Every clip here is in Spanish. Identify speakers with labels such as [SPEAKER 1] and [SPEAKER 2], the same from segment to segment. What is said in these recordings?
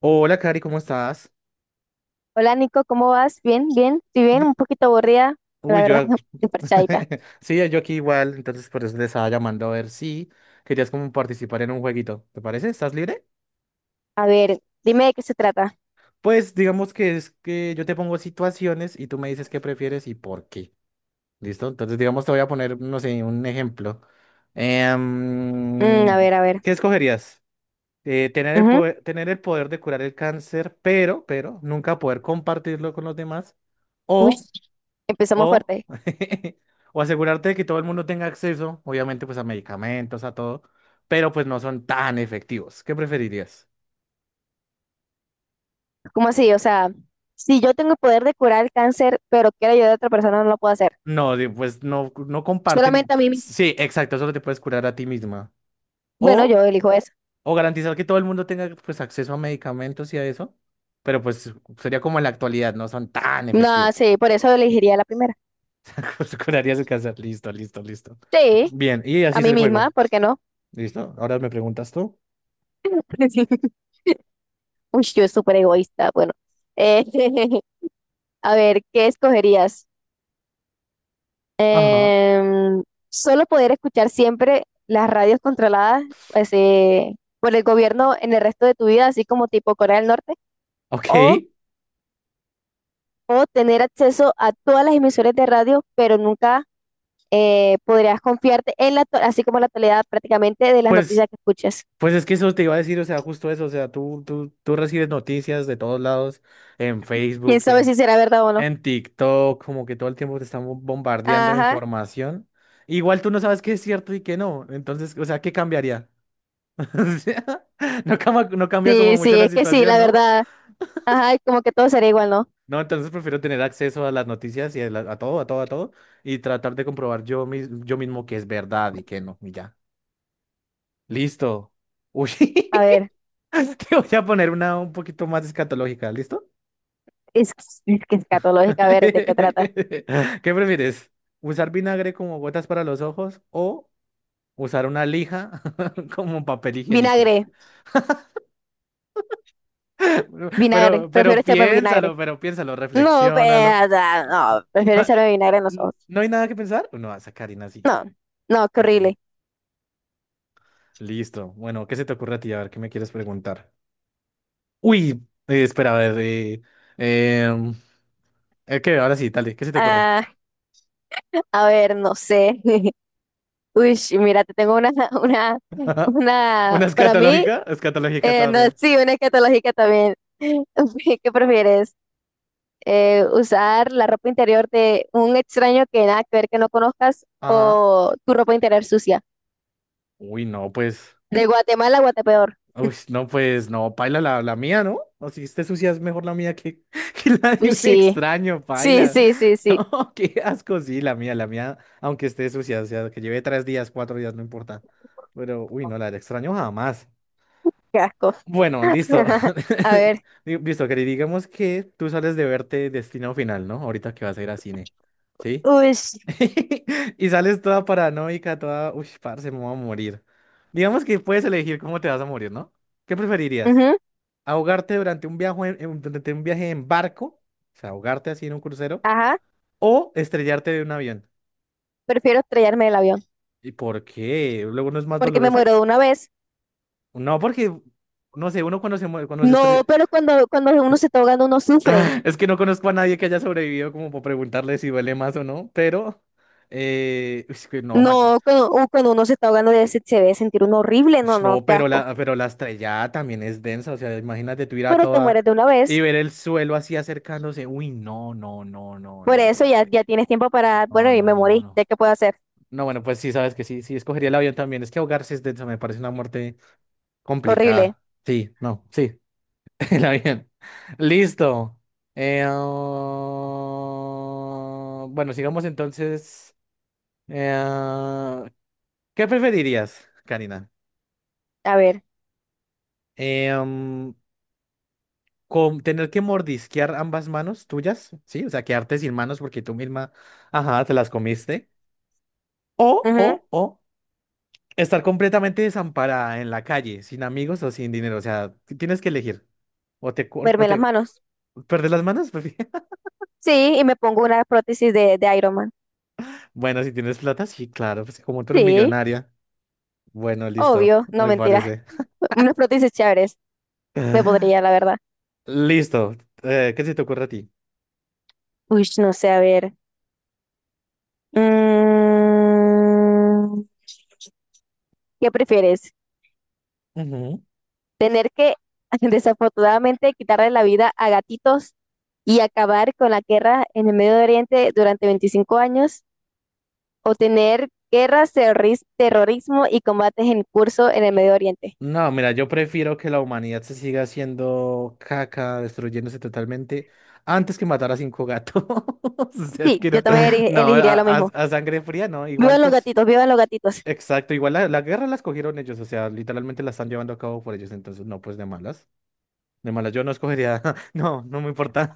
[SPEAKER 1] Hola, Cari, ¿cómo estás?
[SPEAKER 2] Hola Nico, ¿cómo vas? Bien, bien, estoy bien,
[SPEAKER 1] Bi-
[SPEAKER 2] un poquito aburrida, la
[SPEAKER 1] Uy, yo...
[SPEAKER 2] verdad, parchadita.
[SPEAKER 1] Sí, yo aquí igual, entonces por eso les estaba llamando a ver si querías como participar en un jueguito. ¿Te parece? ¿Estás libre?
[SPEAKER 2] A ver, dime de qué se trata.
[SPEAKER 1] Pues digamos que es que yo te pongo situaciones y tú me dices qué prefieres y por qué. ¿Listo? Entonces digamos te voy a poner, no sé, un ejemplo.
[SPEAKER 2] A
[SPEAKER 1] Em,
[SPEAKER 2] ver, a ver.
[SPEAKER 1] ¿Qué escogerías?
[SPEAKER 2] Ujú.
[SPEAKER 1] Tener el poder de curar el cáncer, pero, nunca poder compartirlo con los demás.
[SPEAKER 2] Uy,
[SPEAKER 1] o
[SPEAKER 2] empezamos
[SPEAKER 1] O,
[SPEAKER 2] fuerte.
[SPEAKER 1] o asegurarte de que todo el mundo tenga acceso, obviamente, pues a medicamentos, a todo, pero pues no son tan efectivos. ¿Qué preferirías?
[SPEAKER 2] ¿Cómo así? O sea, si yo tengo el poder de curar el cáncer, pero quiero ayudar a otra persona, no lo puedo hacer.
[SPEAKER 1] No, pues no, no compartir.
[SPEAKER 2] Solamente a mí misma.
[SPEAKER 1] Sí, exacto, solo te puedes curar a ti misma.
[SPEAKER 2] Bueno,
[SPEAKER 1] O,
[SPEAKER 2] yo elijo eso.
[SPEAKER 1] o garantizar que todo el mundo tenga pues acceso a medicamentos y a eso, pero pues sería como en la actualidad, no son tan
[SPEAKER 2] No,
[SPEAKER 1] efectivos.
[SPEAKER 2] sí, por eso elegiría la primera.
[SPEAKER 1] Pues curarías el cáncer. Listo, listo, listo.
[SPEAKER 2] Sí,
[SPEAKER 1] Bien, y así
[SPEAKER 2] a
[SPEAKER 1] es
[SPEAKER 2] mí
[SPEAKER 1] el
[SPEAKER 2] misma,
[SPEAKER 1] juego.
[SPEAKER 2] ¿por qué no?
[SPEAKER 1] ¿Listo? Ahora me preguntas tú.
[SPEAKER 2] Uy, yo soy súper egoísta. Bueno, Eh, a ver, ¿qué escogerías?
[SPEAKER 1] Ajá.
[SPEAKER 2] Em, solo poder escuchar siempre las radios controladas pues, por el gobierno en el resto de tu vida, así como tipo Corea del Norte,
[SPEAKER 1] Ok.
[SPEAKER 2] o, o tener acceso a todas las emisoras de radio, pero nunca podrías confiarte en así como la totalidad prácticamente de las
[SPEAKER 1] Pues
[SPEAKER 2] noticias que escuches.
[SPEAKER 1] Pues es que eso te iba a decir, o sea, justo eso, o sea, tú recibes noticias de todos lados, en
[SPEAKER 2] ¿Quién
[SPEAKER 1] Facebook,
[SPEAKER 2] sabe si
[SPEAKER 1] en,
[SPEAKER 2] será verdad o no?
[SPEAKER 1] en TikTok, como que todo el tiempo te están bombardeando de
[SPEAKER 2] Ajá,
[SPEAKER 1] información. Igual tú no sabes qué es cierto y qué no, entonces, o sea, ¿qué cambiaría? O sea, no cambia
[SPEAKER 2] sí,
[SPEAKER 1] como mucho
[SPEAKER 2] sí,
[SPEAKER 1] la
[SPEAKER 2] es que sí,
[SPEAKER 1] situación,
[SPEAKER 2] la
[SPEAKER 1] ¿no?
[SPEAKER 2] verdad. Ajá, y como que todo sería igual, ¿no?
[SPEAKER 1] No, entonces prefiero tener acceso a las noticias y a todo, a todo, a todo, y tratar de comprobar yo, yo mismo que es verdad y que no, y ya. Listo. Uy,
[SPEAKER 2] A ver,
[SPEAKER 1] te voy a poner una un poquito más escatológica, ¿listo?
[SPEAKER 2] es, es que es escatológica, a ver, ¿de qué trata?
[SPEAKER 1] ¿Qué prefieres? ¿Usar vinagre como gotas para los ojos o usar una lija como papel
[SPEAKER 2] Vinagre,
[SPEAKER 1] higiénico?
[SPEAKER 2] vinagre,
[SPEAKER 1] Pero,
[SPEAKER 2] prefiero
[SPEAKER 1] pero
[SPEAKER 2] echarme vinagre.
[SPEAKER 1] piénsalo, pero piénsalo,
[SPEAKER 2] No,
[SPEAKER 1] reflexiónalo.
[SPEAKER 2] no, prefiero
[SPEAKER 1] Ah,
[SPEAKER 2] echarle vinagre en los
[SPEAKER 1] ¿no,
[SPEAKER 2] ojos.
[SPEAKER 1] no hay nada que pensar? No, esa Karina sí.
[SPEAKER 2] No, no, qué
[SPEAKER 1] Ok.
[SPEAKER 2] horrible.
[SPEAKER 1] Listo. Bueno, ¿qué se te ocurre a ti? A ver, ¿qué me quieres preguntar? Uy, espera, a ver. Em, Es que ahora sí, dale, ¿qué se te ocurre?
[SPEAKER 2] Ah, a ver, no sé. Uy, mira, te tengo una, una, una,
[SPEAKER 1] ¿Una
[SPEAKER 2] para mí,
[SPEAKER 1] escatológica? Escatológica
[SPEAKER 2] No,
[SPEAKER 1] también.
[SPEAKER 2] sí, una escatológica también. ¿Qué prefieres? ¿Usar la ropa interior de un extraño que nada que ver que no conozcas
[SPEAKER 1] Ajá.
[SPEAKER 2] o tu ropa interior sucia?
[SPEAKER 1] Uy, no, pues.
[SPEAKER 2] De Guatemala a Guatepeor.
[SPEAKER 1] Uy, no, pues, no, paila la mía, ¿no? O si esté sucia es mejor la mía que, que la de
[SPEAKER 2] Uy,
[SPEAKER 1] un
[SPEAKER 2] sí,
[SPEAKER 1] extraño,
[SPEAKER 2] sí,
[SPEAKER 1] paila.
[SPEAKER 2] sí, sí, sí,
[SPEAKER 1] No, qué asco, sí, la mía, aunque esté sucia, o sea, que lleve tres días, cuatro días, no importa. Pero, uy, no, la del extraño jamás.
[SPEAKER 2] qué asco.
[SPEAKER 1] Bueno, listo.
[SPEAKER 2] A ver,
[SPEAKER 1] Digo, listo, querido, digamos que tú sales de verte Destino Final, ¿no? Ahorita que vas a ir a cine. ¿Sí?
[SPEAKER 2] uy,
[SPEAKER 1] Y sales toda paranoica, toda, uy, parce, me voy a morir. Digamos que puedes elegir cómo te vas a morir, ¿no? ¿Qué preferirías?
[SPEAKER 2] ujú,
[SPEAKER 1] ¿Ahogarte durante un viaje durante un viaje en barco? O sea, ahogarte así en un crucero.
[SPEAKER 2] ajá.
[SPEAKER 1] ¿O estrellarte de un avión?
[SPEAKER 2] Prefiero estrellarme del avión,
[SPEAKER 1] ¿Y por qué? ¿Luego no es más
[SPEAKER 2] porque me
[SPEAKER 1] doloroso?
[SPEAKER 2] muero de una vez.
[SPEAKER 1] No, porque, no sé, uno cuando se muere, cuando se
[SPEAKER 2] No,
[SPEAKER 1] estrella...
[SPEAKER 2] pero cuando uno se está ahogando, uno sufre.
[SPEAKER 1] Es que no conozco a nadie que haya sobrevivido como para preguntarle si duele más o no, pero... es que no, man.
[SPEAKER 2] No, cuando uno se está ahogando, ya se debe sentir uno horrible. No,
[SPEAKER 1] Ush,
[SPEAKER 2] no,
[SPEAKER 1] no,
[SPEAKER 2] qué
[SPEAKER 1] pero
[SPEAKER 2] asco.
[SPEAKER 1] la, pero la estrellada también es densa, o sea, imagínate tú ir a
[SPEAKER 2] Pero te
[SPEAKER 1] toda
[SPEAKER 2] mueres de una
[SPEAKER 1] y
[SPEAKER 2] vez.
[SPEAKER 1] ver el suelo así acercándose. Uy, no, no, no, no,
[SPEAKER 2] Por
[SPEAKER 1] no,
[SPEAKER 2] eso ya,
[SPEAKER 1] parce.
[SPEAKER 2] ya tienes tiempo para.
[SPEAKER 1] No,
[SPEAKER 2] Bueno, y me
[SPEAKER 1] no, no,
[SPEAKER 2] morí.
[SPEAKER 1] no.
[SPEAKER 2] ¿Ya qué puedo hacer?
[SPEAKER 1] No, bueno, pues sí, sabes que sí, sí, escogería el avión también. Es que ahogarse es densa, me parece una muerte
[SPEAKER 2] Horrible.
[SPEAKER 1] complicada. Sí, no, sí, el avión. Listo. Bueno, sigamos entonces. Eh, ah, ¿Qué preferirías, Karina?
[SPEAKER 2] A ver.
[SPEAKER 1] Eh, mm, con tener que mordisquear ambas manos tuyas, ¿sí? O sea, quedarte sin manos porque tú misma, ajá, te las comiste. O, o,
[SPEAKER 2] Ujú.
[SPEAKER 1] o, estar completamente desamparada en la calle, sin amigos o sin dinero. O sea, tienes que elegir. O te cortas, o
[SPEAKER 2] Verme las
[SPEAKER 1] te
[SPEAKER 2] manos.
[SPEAKER 1] perder las manos. pues,
[SPEAKER 2] Sí, y me pongo una prótesis de, Iron Man.
[SPEAKER 1] bueno, si tienes plata, sí, claro, pues como tú eres
[SPEAKER 2] Sí,
[SPEAKER 1] millonaria. Bueno, listo,
[SPEAKER 2] obvio. No,
[SPEAKER 1] me
[SPEAKER 2] mentira.
[SPEAKER 1] parece.
[SPEAKER 2] Unas prótesis chéveres. Me podría, la verdad.
[SPEAKER 1] Listo. ¿Qué se te ocurre a ti?
[SPEAKER 2] Uy, no sé, a ver. Mm, ¿Qué prefieres? Tener que desafortunadamente quitarle la vida a gatitos y acabar con la guerra en el Medio Oriente durante 25 años o tener guerras, terrorismo y combates en curso en el Medio Oriente.
[SPEAKER 1] No, mira, yo prefiero que la humanidad se siga haciendo caca, destruyéndose totalmente, antes que matar a cinco gatos. O sea, es
[SPEAKER 2] Sí,
[SPEAKER 1] que
[SPEAKER 2] yo
[SPEAKER 1] no,
[SPEAKER 2] también
[SPEAKER 1] no, a,
[SPEAKER 2] elegiría lo
[SPEAKER 1] a-
[SPEAKER 2] mismo.
[SPEAKER 1] a sangre fría, no, igual
[SPEAKER 2] Vivan los
[SPEAKER 1] pues,
[SPEAKER 2] gatitos, vivan los gatitos.
[SPEAKER 1] exacto, igual la guerra la escogieron ellos, o sea, literalmente la están llevando a cabo por ellos, entonces no, pues de malas, yo no escogería, no, no me importa.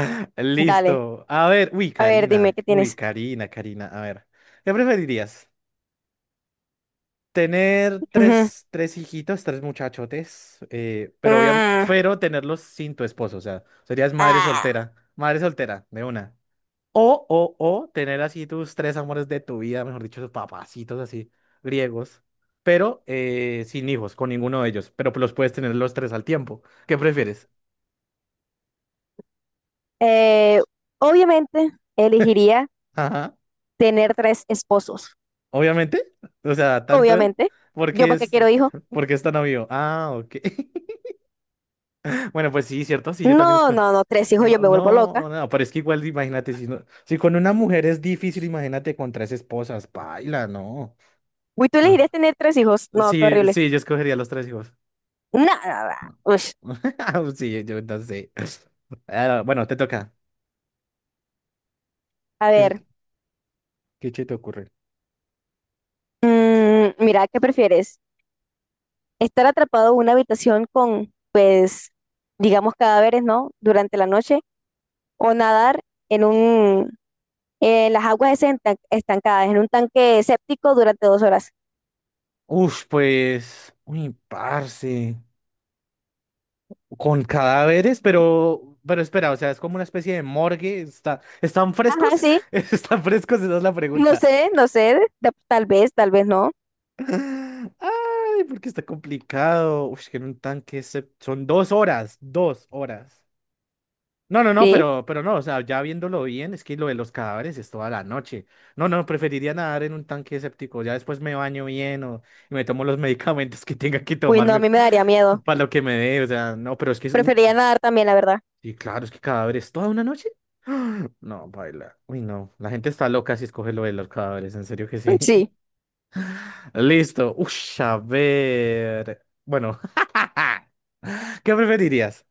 [SPEAKER 2] Dale,
[SPEAKER 1] Listo, a ver,
[SPEAKER 2] a ver, dime, ¿qué
[SPEAKER 1] Uy,
[SPEAKER 2] tienes?
[SPEAKER 1] Karina, Karina, a ver, ¿qué preferirías? Tener
[SPEAKER 2] Ujú.
[SPEAKER 1] tres, tres hijitos, tres muchachotes, pero,
[SPEAKER 2] Mm,
[SPEAKER 1] pero tenerlos sin tu esposo, o sea, serías
[SPEAKER 2] ah.
[SPEAKER 1] madre soltera, de una. O tener así tus tres amores de tu vida, mejor dicho, tus papacitos así, griegos, pero sin hijos, con ninguno de ellos, pero los puedes tener los tres al tiempo. ¿Qué prefieres?
[SPEAKER 2] Eh, obviamente elegiría
[SPEAKER 1] Ajá,
[SPEAKER 2] tener tres esposos.
[SPEAKER 1] obviamente, o sea, tanto,
[SPEAKER 2] Obviamente. ¿Yo
[SPEAKER 1] porque
[SPEAKER 2] para qué
[SPEAKER 1] es,
[SPEAKER 2] quiero hijos?
[SPEAKER 1] porque es tan obvio. Ah, ok. Bueno, pues sí, cierto, sí, yo también
[SPEAKER 2] No,
[SPEAKER 1] esco.
[SPEAKER 2] no, no, tres hijos, yo
[SPEAKER 1] No,
[SPEAKER 2] me vuelvo loca.
[SPEAKER 1] no, no, pero es que igual, imagínate, si con una mujer es difícil, imagínate con tres esposas, paila, no,
[SPEAKER 2] Uy, ¿tú elegirías
[SPEAKER 1] no.
[SPEAKER 2] tener tres hijos? No, qué
[SPEAKER 1] Sí,
[SPEAKER 2] horrible.
[SPEAKER 1] sí, yo escogería los tres hijos.
[SPEAKER 2] Nada. Ush.
[SPEAKER 1] Sí, yo no sé. Ah, bueno, te toca.
[SPEAKER 2] A
[SPEAKER 1] ¿Qué se te,
[SPEAKER 2] ver,
[SPEAKER 1] qué se te ocurre?
[SPEAKER 2] mira, ¿qué prefieres? ¿Estar atrapado en una habitación con, pues, digamos, cadáveres, ¿no? Durante la noche o nadar en un, en las aguas esas estancadas, en un tanque séptico durante 2 horas.
[SPEAKER 1] Uf, pues, uy, parce, con cadáveres, pero espera, o sea, es como una especie de morgue, está, ¿están
[SPEAKER 2] Ajá,
[SPEAKER 1] frescos?
[SPEAKER 2] sí.
[SPEAKER 1] ¿Están frescos? Esa es la
[SPEAKER 2] No
[SPEAKER 1] pregunta.
[SPEAKER 2] sé, no sé. Tal vez no.
[SPEAKER 1] Ay, porque está complicado. Uf, es que en un tanque son dos horas, dos horas. No, no, no,
[SPEAKER 2] Sí.
[SPEAKER 1] pero no, o sea, ya viéndolo bien, es que lo de los cadáveres es toda la noche. No, no, preferiría nadar en un tanque séptico. Ya después me baño bien o y me tomo los medicamentos que tenga que
[SPEAKER 2] Uy, no, a
[SPEAKER 1] tomarme
[SPEAKER 2] mí me daría miedo.
[SPEAKER 1] para lo que me dé. O sea, no, pero es que es un.
[SPEAKER 2] Preferiría nadar también, la verdad.
[SPEAKER 1] Y claro, es que cadáveres toda una noche. No, baila. Uy, no. La gente está loca si escoge lo de los cadáveres, en serio que sí.
[SPEAKER 2] Sí.
[SPEAKER 1] Listo. Ush, a ver. Bueno, ¿qué preferirías?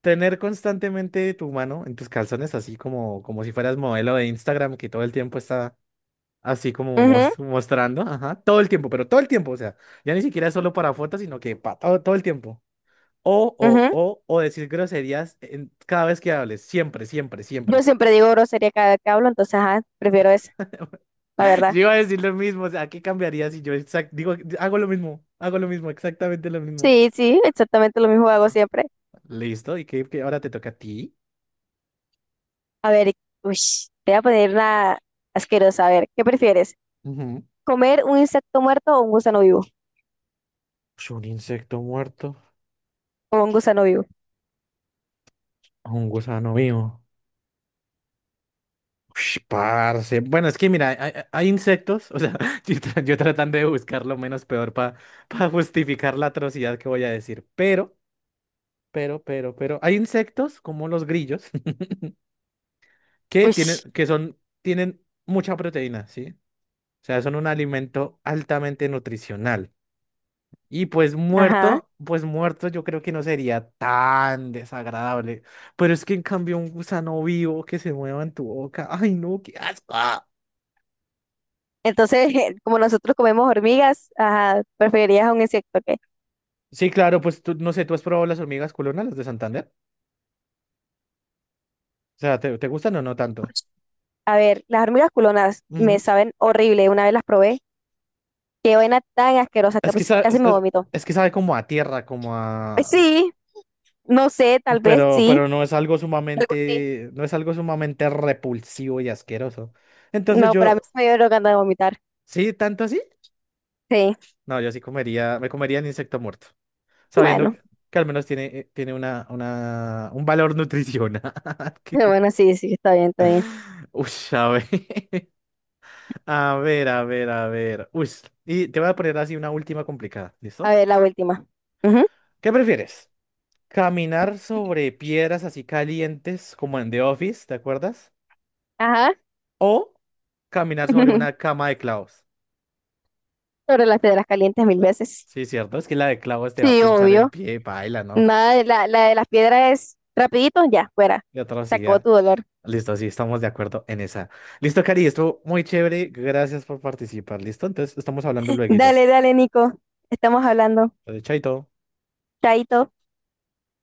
[SPEAKER 1] ¿Tener constantemente tu mano en tus calzones, así como, como si fueras modelo de Instagram que todo el tiempo está así como
[SPEAKER 2] Ujú,
[SPEAKER 1] mostrando? Ajá, todo el tiempo, pero todo el tiempo, o sea, ya ni siquiera es solo para fotos, sino que para todo, todo el tiempo. O, o,
[SPEAKER 2] ujú.
[SPEAKER 1] o, o decir groserías cada vez que hables, siempre, siempre, siempre.
[SPEAKER 2] Yo siempre digo grosería cada vez que hablo, entonces ajá, prefiero esa, la verdad.
[SPEAKER 1] Yo iba a decir lo mismo, o sea, ¿qué cambiaría si yo digo, hago lo mismo, exactamente lo mismo?
[SPEAKER 2] Sí, sí, exactamente lo mismo hago siempre.
[SPEAKER 1] Listo, y que ahora te toca a ti.
[SPEAKER 2] A ver, uy, te voy a poner una asquerosa. A ver, ¿qué prefieres?
[SPEAKER 1] Ujú.
[SPEAKER 2] ¿Comer un insecto muerto o un gusano vivo?
[SPEAKER 1] Pues un insecto muerto
[SPEAKER 2] O un gusano vivo.
[SPEAKER 1] a un gusano vivo. Ush, parce. Bueno, es que mira, hay insectos, o sea, yo, yo tratando de buscar lo menos peor para justificar la atrocidad que voy a decir, pero, hay insectos como los grillos que
[SPEAKER 2] Uy,
[SPEAKER 1] tienen, que son, tienen mucha proteína, ¿sí? O sea, son un alimento altamente nutricional. Y
[SPEAKER 2] ajá.
[SPEAKER 1] pues muerto yo creo que no sería tan desagradable. Pero es que en cambio un gusano vivo que se mueva en tu boca. Ay, no, qué asco.
[SPEAKER 2] Entonces, como nosotros comemos hormigas, ajá, preferirías un insecto qué.
[SPEAKER 1] Sí, claro, pues tú, no sé, ¿tú has probado las hormigas culonas, las de Santander? O sea, ¿te gustan o no tanto?
[SPEAKER 2] A ver, las hormigas culonas me
[SPEAKER 1] Ujú.
[SPEAKER 2] saben horrible. Una vez las probé. Qué vaina tan asquerosa,
[SPEAKER 1] Es que
[SPEAKER 2] casi,
[SPEAKER 1] sabe,
[SPEAKER 2] casi
[SPEAKER 1] es,
[SPEAKER 2] me
[SPEAKER 1] es-
[SPEAKER 2] vomito.
[SPEAKER 1] es que sabe como a tierra, como
[SPEAKER 2] Pues
[SPEAKER 1] a...
[SPEAKER 2] sí, no sé, tal vez sí,
[SPEAKER 1] Pero no es algo
[SPEAKER 2] algo así.
[SPEAKER 1] sumamente, no es algo sumamente repulsivo y asqueroso. Entonces
[SPEAKER 2] No, para mí
[SPEAKER 1] yo,
[SPEAKER 2] se me dio lo que anda de vomitar.
[SPEAKER 1] ¿sí? ¿Tanto así?
[SPEAKER 2] Sí,
[SPEAKER 1] No, yo sí comería, me comería el insecto muerto. Sabiendo
[SPEAKER 2] bueno,
[SPEAKER 1] que al menos tiene, tiene un valor nutricional. que-
[SPEAKER 2] bueno, sí, sí, está bien, está bien.
[SPEAKER 1] Uy, a ver, a ver, a ver, a ver. Uy, y te voy a poner así una última complicada,
[SPEAKER 2] A
[SPEAKER 1] ¿listo?
[SPEAKER 2] ver, la última. Ujú,
[SPEAKER 1] ¿Qué prefieres? ¿Caminar sobre piedras así calientes como en The Office, te acuerdas?
[SPEAKER 2] ajá.
[SPEAKER 1] ¿O caminar sobre una cama de clavos?
[SPEAKER 2] Sobre las piedras calientes 1.000 veces.
[SPEAKER 1] Sí, cierto, es que la de clavos te va a
[SPEAKER 2] Sí,
[SPEAKER 1] pinchar el
[SPEAKER 2] obvio.
[SPEAKER 1] pie, paila, ¿no?
[SPEAKER 2] Nada, la de las piedras es rapidito, ya, fuera.
[SPEAKER 1] De
[SPEAKER 2] Se acabó
[SPEAKER 1] atrocidad.
[SPEAKER 2] tu dolor.
[SPEAKER 1] Listo, sí, estamos de acuerdo en esa. Listo, Cari, estuvo muy chévere. Gracias por participar. Listo, entonces estamos hablando luego.
[SPEAKER 2] Dale, dale, Nico. Estamos hablando.
[SPEAKER 1] Chaito.
[SPEAKER 2] Chaito.